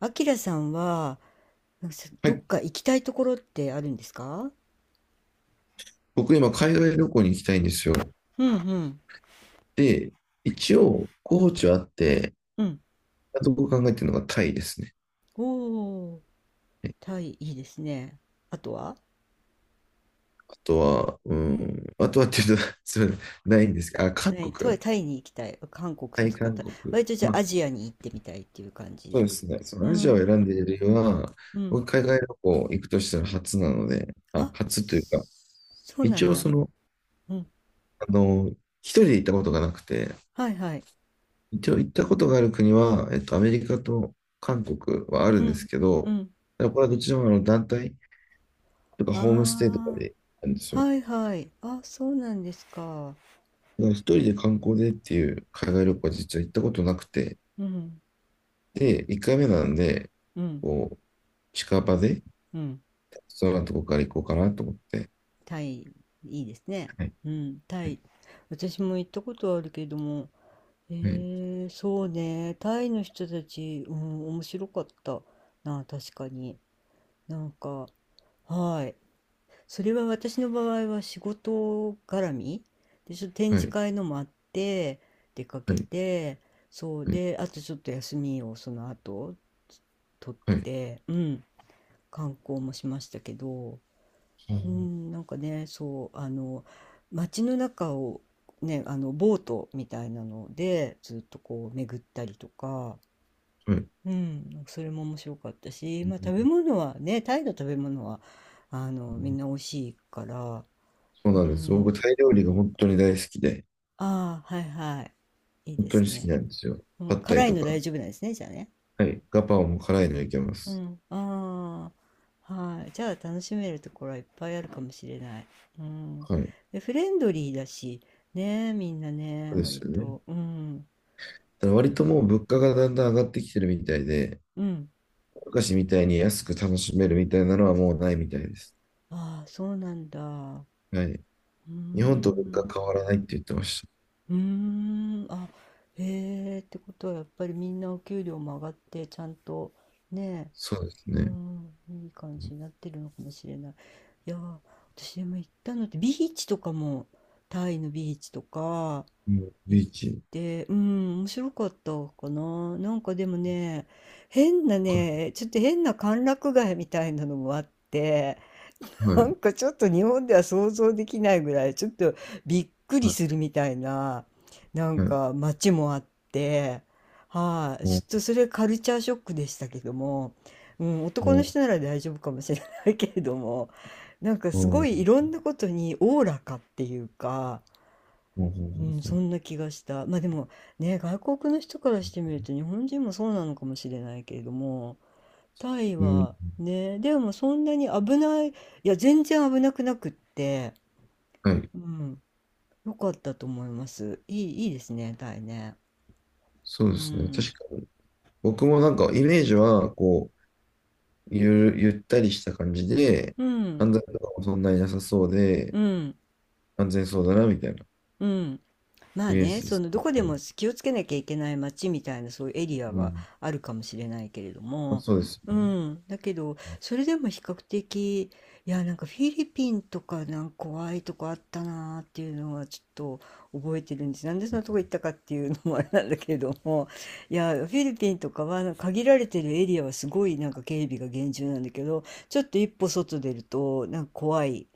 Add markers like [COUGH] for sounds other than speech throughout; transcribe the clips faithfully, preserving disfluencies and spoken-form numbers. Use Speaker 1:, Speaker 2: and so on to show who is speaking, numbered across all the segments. Speaker 1: あきらさんは、なんかさ
Speaker 2: は
Speaker 1: どっ
Speaker 2: い、
Speaker 1: か行きたいところってあるんですか？
Speaker 2: 僕今海外旅行に行きたいんですよ。
Speaker 1: うんうん。
Speaker 2: で、一応候補地はあって、
Speaker 1: うん。
Speaker 2: あと僕考えてるのがタイですね。
Speaker 1: おー、タイ、いいですね。あとは
Speaker 2: あとは、うん、あとはっていうと [LAUGHS] それないんですけど、あ、韓
Speaker 1: ない、タイ、
Speaker 2: 国、
Speaker 1: タイに行きたい。韓国
Speaker 2: タイ、
Speaker 1: とか
Speaker 2: 韓
Speaker 1: タイ、
Speaker 2: 国。
Speaker 1: 割とじゃ
Speaker 2: ま
Speaker 1: あア
Speaker 2: あ、
Speaker 1: ジアに行ってみたいっていう感じ
Speaker 2: そう
Speaker 1: で。
Speaker 2: ですね。そ
Speaker 1: う
Speaker 2: のアジアを選
Speaker 1: ん、
Speaker 2: んでいる理由は、
Speaker 1: うん。
Speaker 2: 僕海外旅行行くとしたら初なので、あ、
Speaker 1: あ、
Speaker 2: 初というか、
Speaker 1: そそうな
Speaker 2: 一
Speaker 1: ん
Speaker 2: 応
Speaker 1: だ。
Speaker 2: その、
Speaker 1: うん。
Speaker 2: あの、一人で行ったことがなくて、
Speaker 1: はいはい。
Speaker 2: 一応行ったことがある国は、えっと、アメリカと韓国はあ
Speaker 1: う
Speaker 2: るんです
Speaker 1: ん、
Speaker 2: け
Speaker 1: う
Speaker 2: ど、
Speaker 1: ん。
Speaker 2: ただこれはどちらもあの団体、とかホームステイとか
Speaker 1: あ
Speaker 2: でなんです
Speaker 1: あ、
Speaker 2: よ。
Speaker 1: はいはい。あ、そうなんですか。
Speaker 2: だから一人で観光でっていう海外旅行は実は行ったことなくて、
Speaker 1: うん、
Speaker 2: で、一回目なんで、
Speaker 1: うん、
Speaker 2: こう、近場で、
Speaker 1: うん。
Speaker 2: そんなとこから行こうかなと思って。
Speaker 1: タイ、いいですね。
Speaker 2: はい、
Speaker 1: うん、タ
Speaker 2: はい、
Speaker 1: イ。私も行ったことあるけども、え
Speaker 2: はい、
Speaker 1: ー、そうね、タイの人たち、うん、面白かったな、確かに。なんか、はい。それは私の場合は仕事絡みで、ちょっと展
Speaker 2: は
Speaker 1: 示
Speaker 2: い、
Speaker 1: 会のもあって、出かけ
Speaker 2: はい、
Speaker 1: て、そう
Speaker 2: はい、
Speaker 1: で、あとちょっと休みをその後、取
Speaker 2: は
Speaker 1: っ
Speaker 2: い。
Speaker 1: て、うん、観光もしましたけど、うん、なんかね、そう、あの、街の中をね、あの、ボートみたいなので、ずっとこう巡ったりとか、
Speaker 2: はい、
Speaker 1: うん、なんかそれも面白かったし、まあ食べ物はね、タイの食べ物は、あの、みんな美味しいから、
Speaker 2: そう
Speaker 1: う
Speaker 2: なんです。僕、
Speaker 1: ん、
Speaker 2: タイ料理が本当に大好きで、
Speaker 1: ああ、はいはい、いい
Speaker 2: 本
Speaker 1: で
Speaker 2: 当
Speaker 1: す
Speaker 2: に好き
Speaker 1: ね。
Speaker 2: なんですよ。
Speaker 1: う
Speaker 2: パ
Speaker 1: ん、
Speaker 2: ッタイ
Speaker 1: 辛い
Speaker 2: と
Speaker 1: の大
Speaker 2: か、
Speaker 1: 丈夫なんですね、じゃあね。
Speaker 2: はい、ガパオも辛いのいけま
Speaker 1: う
Speaker 2: す。
Speaker 1: ん、ああ、はい。じゃあ楽しめるところはいっぱいあるかもしれない。うん。
Speaker 2: はい、
Speaker 1: で、フレンドリーだし、ねみんなね、
Speaker 2: そうです
Speaker 1: 割
Speaker 2: よね。
Speaker 1: と。うん。
Speaker 2: ただから割ともう物価がだんだん上がってきてるみたいで、
Speaker 1: うん。
Speaker 2: 昔みたいに安く楽しめるみたいなのはもうないみたいです。
Speaker 1: ああ、そうなんだ。う
Speaker 2: はい。
Speaker 1: ー
Speaker 2: 日本と物
Speaker 1: ん。
Speaker 2: 価変わらないって言ってました。
Speaker 1: うーん。あ、へえ、ってことはやっぱりみんなお給料も上がって、ちゃんと、ね
Speaker 2: そうです
Speaker 1: う
Speaker 2: ね。
Speaker 1: ん、いい感じになってるのかもしれない。いやー、私でも行ったのって、ビーチとかも、タイのビーチとか、
Speaker 2: うん、
Speaker 1: 行っ
Speaker 2: ビーチ。
Speaker 1: て、うん、面白かったかな。なんかでもね、変な
Speaker 2: は
Speaker 1: ね、ちょっと変な歓楽街みたいなのもあって、
Speaker 2: い。は
Speaker 1: な
Speaker 2: い。
Speaker 1: んかちょっと日本では想像できないぐらい、ちょっとびっくり
Speaker 2: はい。
Speaker 1: するみたいな、なん
Speaker 2: はい、
Speaker 1: か街もあって、はい、ちょ
Speaker 2: お
Speaker 1: っとそれカルチャーショックでしたけども、うん、男の
Speaker 2: お、
Speaker 1: 人なら大丈夫かもしれないけれども、なんかすごいい
Speaker 2: お
Speaker 1: ろんなことにおおらかっていうか、
Speaker 2: お、
Speaker 1: うん、そ
Speaker 2: お、
Speaker 1: んな気がした。まあでもね、外国の人からしてみると日本人もそうなのかもしれないけれども、タイ
Speaker 2: うん。
Speaker 1: はね、でもそんなに危ない、いや、全然危なくなくって、
Speaker 2: はい。
Speaker 1: うん、よかったと思います。いい、いいですね、タイね。
Speaker 2: そう
Speaker 1: う
Speaker 2: ですね。
Speaker 1: ん、
Speaker 2: 確かに。僕もなんかイメージは、こう、ゆる、ゆったりした感じで、
Speaker 1: うん、
Speaker 2: 犯罪とかもそんなになさそうで、
Speaker 1: うん、
Speaker 2: 安全そうだな、みたいな
Speaker 1: うん。ま
Speaker 2: イ
Speaker 1: あ
Speaker 2: メー
Speaker 1: ね、
Speaker 2: ジで
Speaker 1: そ
Speaker 2: す
Speaker 1: のどこ
Speaker 2: け
Speaker 1: で
Speaker 2: ど。
Speaker 1: も気をつけなきゃいけない街みたいなそういうエリア
Speaker 2: う
Speaker 1: は
Speaker 2: ん。
Speaker 1: あるかもしれないけれど
Speaker 2: まあ、
Speaker 1: も、
Speaker 2: そうです
Speaker 1: う
Speaker 2: よね。
Speaker 1: ん、だけどそれでも比較的いやなんかフィリピンとかなんか怖いとこあったなーっていうのはちょっと覚えてるんです。なんでそんなとこ行ったかっていうのもあれなんだけれども、いやフィリピンとかはなんか限られてるエリアはすごいなんか警備が厳重なんだけど、ちょっと一歩外出るとなんか怖い。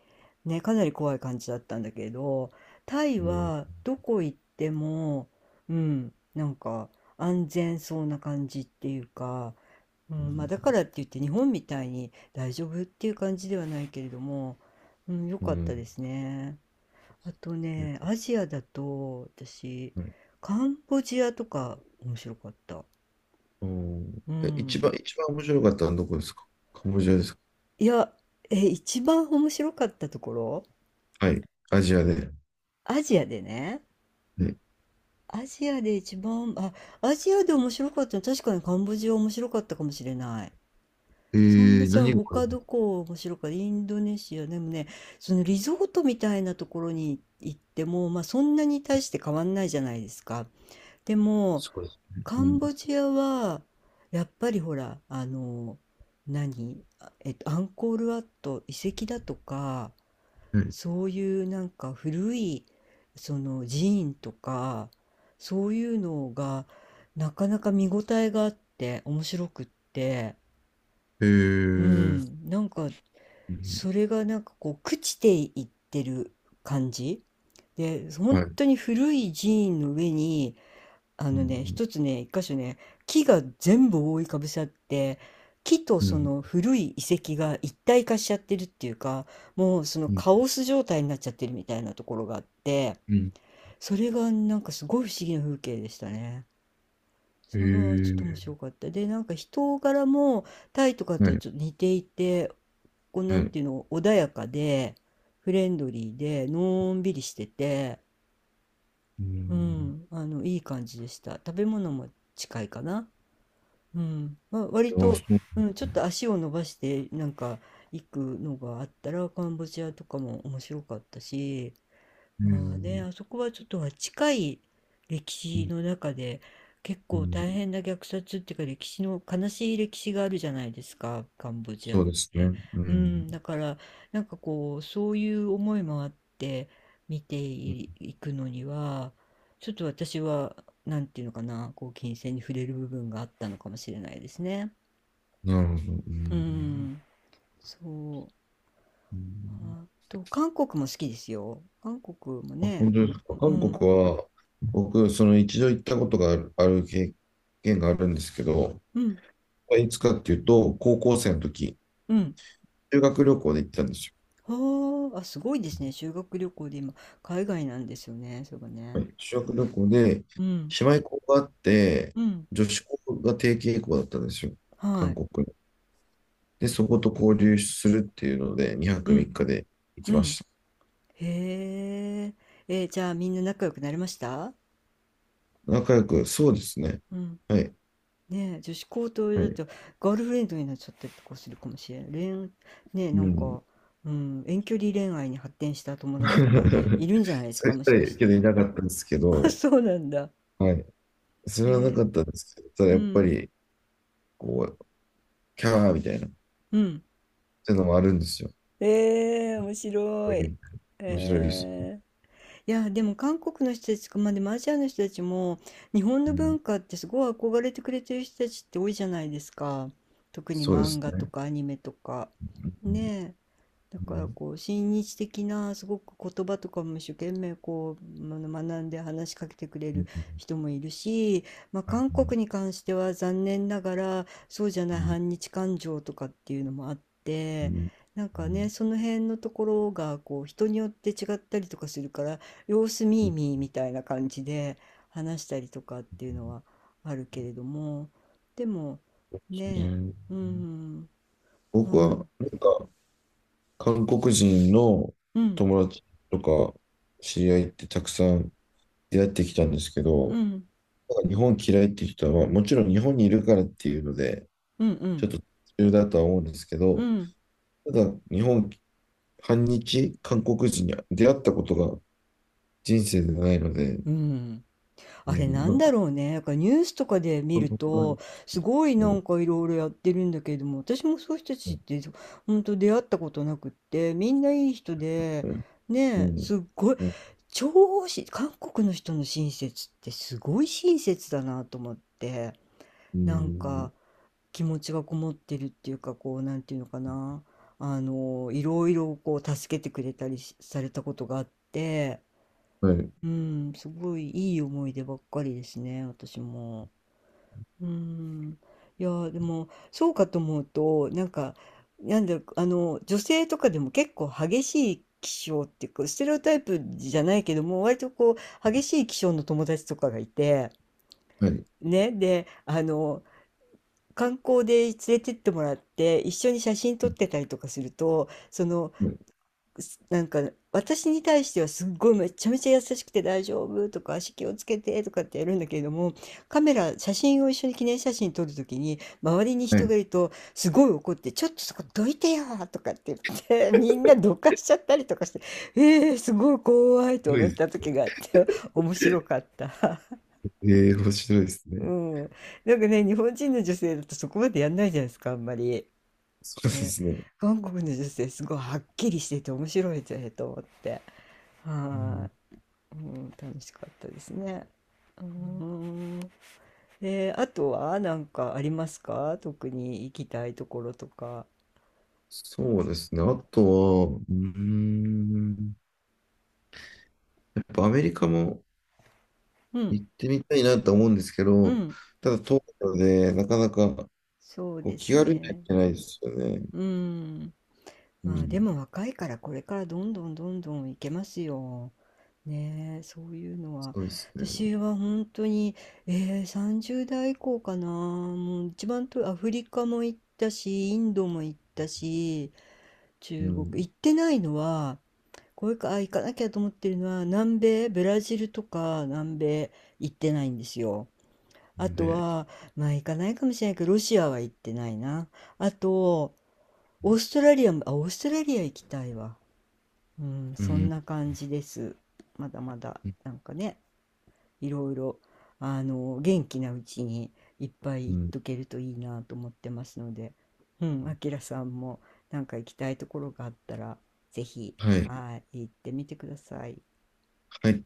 Speaker 1: ね、かなり怖い感じだったんだけど、タイ
Speaker 2: えー、
Speaker 1: はどこ行っても、うん、なんか安全そうな感じっていうか、う
Speaker 2: う
Speaker 1: んまあ、だか
Speaker 2: ん。
Speaker 1: らって言って日本みたいに大丈夫っていう感じではないけれども、うん、良かったですね。あと
Speaker 2: うん、
Speaker 1: ね、アジアだと私、
Speaker 2: はい、
Speaker 1: カンボジアとか面白かった。
Speaker 2: うん。
Speaker 1: う
Speaker 2: え、一
Speaker 1: ん。
Speaker 2: 番、一番面白かったのはどこですか？カンボジアですか？
Speaker 1: いや、え、一番面白かったところ、
Speaker 2: はい。アジアで。
Speaker 1: アジアでね、
Speaker 2: ね、
Speaker 1: アジアで一番、あ、アジアで面白かったの、確かにカンボジア面白かったかもしれない。
Speaker 2: え
Speaker 1: そんな、
Speaker 2: ー、
Speaker 1: じゃあ
Speaker 2: 何が？
Speaker 1: 他どこ面白かった、インドネシア、でもね、そのリゾートみたいなところに行っても、まあそんなに大して変わんないじゃないですか。でも、
Speaker 2: すごいですね。う
Speaker 1: カ
Speaker 2: ん。
Speaker 1: ンボジアは、やっぱりほら、あの、何あえっと、アンコールワット遺跡だとか、
Speaker 2: はい。
Speaker 1: そういうなんか古いその寺院とかそういうのがなかなか見応えがあって面白くって
Speaker 2: え
Speaker 1: う
Speaker 2: ー、
Speaker 1: んなんか
Speaker 2: うん、
Speaker 1: それがなんかこう朽ちていってる感じで本
Speaker 2: はい。う
Speaker 1: 当に古い寺院の上にあのね、
Speaker 2: ん、
Speaker 1: 一つね、一箇所ね、木が全部覆いかぶさって、木と
Speaker 2: う
Speaker 1: そ
Speaker 2: ん、
Speaker 1: の古い遺跡が一体化しちゃってるっていうか、もうその
Speaker 2: うん、
Speaker 1: カオス状態になっちゃってるみたいなところがあって、
Speaker 2: うん。
Speaker 1: それがなんかすごい不思議な風景でしたね。
Speaker 2: え
Speaker 1: それはちょっと面
Speaker 2: ー、
Speaker 1: 白かった。で、なんか人柄もタイとか
Speaker 2: は
Speaker 1: と
Speaker 2: い、
Speaker 1: ちょっと似ていて、こう
Speaker 2: は
Speaker 1: なん
Speaker 2: い。
Speaker 1: ていうの、穏やかで、フレンドリーで、のんびりしてて、
Speaker 2: う
Speaker 1: う
Speaker 2: ん。
Speaker 1: ん、あの、いい感じでした。食べ物も近いかな。うん、わ割
Speaker 2: あ、
Speaker 1: と、
Speaker 2: そう
Speaker 1: うん、ちょっ
Speaker 2: な
Speaker 1: と
Speaker 2: んだ。
Speaker 1: 足を伸ばしてなんか行くのがあったらカンボジアとかも面白かったし、
Speaker 2: え
Speaker 1: まあね、
Speaker 2: ー、
Speaker 1: あそこはちょっとは近い歴
Speaker 2: う
Speaker 1: 史
Speaker 2: ん、
Speaker 1: の中で結
Speaker 2: う
Speaker 1: 構
Speaker 2: ん。
Speaker 1: 大変な虐殺っていうか歴史の悲しい歴史があるじゃないですか、カンボジア
Speaker 2: そ
Speaker 1: っ
Speaker 2: うです
Speaker 1: て。
Speaker 2: ね。う
Speaker 1: う
Speaker 2: ん。
Speaker 1: ん、だからなんかこうそういう思いもあって見てい、くのにはちょっと私はなんていうのかな、こう金銭に触れる部分があったのかもしれないですね。
Speaker 2: なるほど。う
Speaker 1: う
Speaker 2: ん。
Speaker 1: ん、そう。
Speaker 2: うん、
Speaker 1: あと韓国も好きですよ。韓国も
Speaker 2: あ
Speaker 1: ね、
Speaker 2: 本当です
Speaker 1: う
Speaker 2: か。韓国
Speaker 1: ん、
Speaker 2: は、僕、その一度行ったことがある、ある経験があるんですけど、
Speaker 1: うん。
Speaker 2: いつかっていうと、高校生の時、
Speaker 1: うん
Speaker 2: 修学旅行で行ったんです
Speaker 1: はあ、あ、すごいですね。修学旅行で今、海外なんですよね。そう
Speaker 2: よ。は
Speaker 1: ね。
Speaker 2: い、修学旅行で、
Speaker 1: うん。
Speaker 2: 姉妹校があって、
Speaker 1: うん。
Speaker 2: 女子校が定型校だったんですよ。
Speaker 1: は
Speaker 2: 韓
Speaker 1: い。
Speaker 2: 国の。で、そこと交流するっていうので、2
Speaker 1: う
Speaker 2: 泊
Speaker 1: ん。
Speaker 2: みっかで行き
Speaker 1: う
Speaker 2: まし
Speaker 1: ん。
Speaker 2: た。
Speaker 1: へえ。えーじゃあみんな仲良くなれました？
Speaker 2: 仲良く、そうですね。
Speaker 1: うん。
Speaker 2: はい。
Speaker 1: ねえ、女子高と
Speaker 2: は
Speaker 1: だ
Speaker 2: い。
Speaker 1: とガールフレンドになっちゃったりとかするかもしれん。恋、ねえ、な
Speaker 2: う
Speaker 1: ん
Speaker 2: ん。
Speaker 1: か、うん、遠距離恋愛に発展した友達とかい
Speaker 2: [LAUGHS]
Speaker 1: るんじゃないです
Speaker 2: そう言
Speaker 1: か、
Speaker 2: っ
Speaker 1: も
Speaker 2: た
Speaker 1: し
Speaker 2: らい
Speaker 1: かし
Speaker 2: いけ
Speaker 1: て。
Speaker 2: どいなかったんですけ
Speaker 1: [LAUGHS] あ、
Speaker 2: ど、
Speaker 1: そうなんだ。
Speaker 2: はい。
Speaker 1: へ
Speaker 2: それはなか
Speaker 1: え。
Speaker 2: ったんですけど、ただ
Speaker 1: う
Speaker 2: やっぱ
Speaker 1: ん。
Speaker 2: り、こう、キャーみたいな、っ
Speaker 1: うん。
Speaker 2: ていうのもあるんですよ。
Speaker 1: ええ、面
Speaker 2: こ
Speaker 1: 白
Speaker 2: う
Speaker 1: い。
Speaker 2: いう面白いです。
Speaker 1: ええ。いや、でも韓国の人たちとか、まあでもアジアの人たちも、日本
Speaker 2: う
Speaker 1: の
Speaker 2: ん、
Speaker 1: 文化ってすごい憧れてくれてる人たちって多いじゃないですか。特に
Speaker 2: そうで
Speaker 1: 漫
Speaker 2: す
Speaker 1: 画と
Speaker 2: ね。
Speaker 1: かアニメとか。
Speaker 2: う
Speaker 1: ね
Speaker 2: ん、
Speaker 1: え。だ
Speaker 2: う
Speaker 1: から
Speaker 2: ん、
Speaker 1: こう親日的なすごく言葉とかも一生懸命こうあの学んで話しかけてくれ
Speaker 2: う
Speaker 1: る
Speaker 2: ん、
Speaker 1: 人もいるし、まあ、韓国に関しては残念ながらそうじゃな
Speaker 2: う
Speaker 1: い
Speaker 2: ん、
Speaker 1: 反日感情とかっていうのもあっ
Speaker 2: う
Speaker 1: て
Speaker 2: ん、
Speaker 1: なんかねその辺のところがこう人によって違ったりとかするから様子
Speaker 2: う
Speaker 1: 見ー
Speaker 2: ん、
Speaker 1: 見ーみたいな感じで話したりとかっていうのはあるけれどもでも
Speaker 2: う
Speaker 1: ね
Speaker 2: ん、
Speaker 1: うんう
Speaker 2: 僕は、
Speaker 1: ん
Speaker 2: なんか、韓国人の
Speaker 1: うん
Speaker 2: 友達とか、知り合いってたくさん出会ってきたんですけ
Speaker 1: う
Speaker 2: ど、
Speaker 1: ん
Speaker 2: なんか日本嫌いっていう人は、もちろん日本にいるからっていうので、
Speaker 1: うんう
Speaker 2: ちょ
Speaker 1: ん
Speaker 2: っと途中だとは思うんですけ
Speaker 1: う
Speaker 2: ど、
Speaker 1: ん。
Speaker 2: ただ日本、反日韓国人に出会ったことが人生でないので、
Speaker 1: うん。
Speaker 2: う
Speaker 1: あれ
Speaker 2: ん、
Speaker 1: な
Speaker 2: な
Speaker 1: ん
Speaker 2: んか、
Speaker 1: だろうね。なんかニュースとかで見
Speaker 2: 韓
Speaker 1: る
Speaker 2: 国はい、
Speaker 1: と、すごいなんかいろいろやってるんだけれども、私もそういう人た
Speaker 2: う
Speaker 1: ちっ
Speaker 2: ん、
Speaker 1: て、本当出会ったことなくって、みんないい人で、
Speaker 2: うん、う
Speaker 1: ねえ、
Speaker 2: ん、
Speaker 1: すっごい、
Speaker 2: うん、
Speaker 1: 超し、韓国の人の親切ってすごい親切だなと思って、
Speaker 2: う
Speaker 1: なん
Speaker 2: ん、
Speaker 1: か気持ちがこもってるっていうか、こう、なんていうのかな。あの、いろいろこう助けてくれたりしされたことがあって、
Speaker 2: はい、
Speaker 1: うん、すごいいい思い出ばっかりですね、私も。うん。いやー、でも、そうかと思うと、なんか、なんだ、あの、女性とかでも結構激しい気性っていうか、ステレオタイプじゃないけども、割とこう、激しい気性の友達とかがいて、
Speaker 2: はい、
Speaker 1: ね、で、あの、観光で連れてってもらって、一緒に写真
Speaker 2: は
Speaker 1: 撮っ
Speaker 2: い、
Speaker 1: てたりとかすると、その、
Speaker 2: はい。
Speaker 1: なんか私に対してはすっごいめちゃめちゃ優しくて大丈夫とか足気をつけてとかってやるんだけれどもカメラ写真を一緒に記念写真撮るときに周りに
Speaker 2: は
Speaker 1: 人
Speaker 2: い。
Speaker 1: がいるとすごい怒って「ちょっとそこどいてよ」とかって言って [LAUGHS] みんなどかしちゃったりとかしてえー、すごい怖いと思った時があって [LAUGHS] 面白かった。[LAUGHS]
Speaker 2: ええー、面白いですね。
Speaker 1: うん、なんかね日本人の女性だとそこまでやんないじゃないですかあんまり。
Speaker 2: そうで
Speaker 1: ね、
Speaker 2: すね。
Speaker 1: 韓国の女性すごいはっきりしてて面白いぜと思って。
Speaker 2: う
Speaker 1: は
Speaker 2: ん、
Speaker 1: い、うん、楽しかったですね。うーん。で、あとはなんかありますか特に行きたいところとか。
Speaker 2: そうですね。あとは、うーん、やっぱアメリカも
Speaker 1: うん、
Speaker 2: 行ってみたいなと思うんですけ
Speaker 1: う
Speaker 2: ど、
Speaker 1: ん、
Speaker 2: ただ東京でなかなか
Speaker 1: そう
Speaker 2: こう
Speaker 1: で
Speaker 2: 気
Speaker 1: す
Speaker 2: 軽には行
Speaker 1: ね。
Speaker 2: けないですよね。
Speaker 1: うん。
Speaker 2: う
Speaker 1: まあ
Speaker 2: ん、
Speaker 1: でも若いからこれからどんどんどんどん行けますよ。ねえ、そういうのは。
Speaker 2: そうですね。
Speaker 1: 私は本当に、えー、さんじゅう代以降かな。もう一番とアフリカも行ったし、インドも行ったし、
Speaker 2: う
Speaker 1: 中国
Speaker 2: ん。
Speaker 1: 行ってないのは、これか、あ、行かなきゃと思ってるのは、南米、ブラジルとか南米行ってないんですよ。あと
Speaker 2: で、
Speaker 1: は、まあ行かないかもしれないけど、ロシアは行ってないな。あと、オーストラリアも、あ、オーストラリア行きたいわ。うん、
Speaker 2: う
Speaker 1: そん
Speaker 2: ん、
Speaker 1: な感じです。まだまだ、なんかね、いろいろ、あの、元気なうちにいっぱい
Speaker 2: う
Speaker 1: 行っ
Speaker 2: ん。
Speaker 1: とけるといいなと思ってますので、うん、あきらさんも、なんか行きたいところがあったら、ぜひ、
Speaker 2: はい、
Speaker 1: はい、行ってみてください。
Speaker 2: 入っ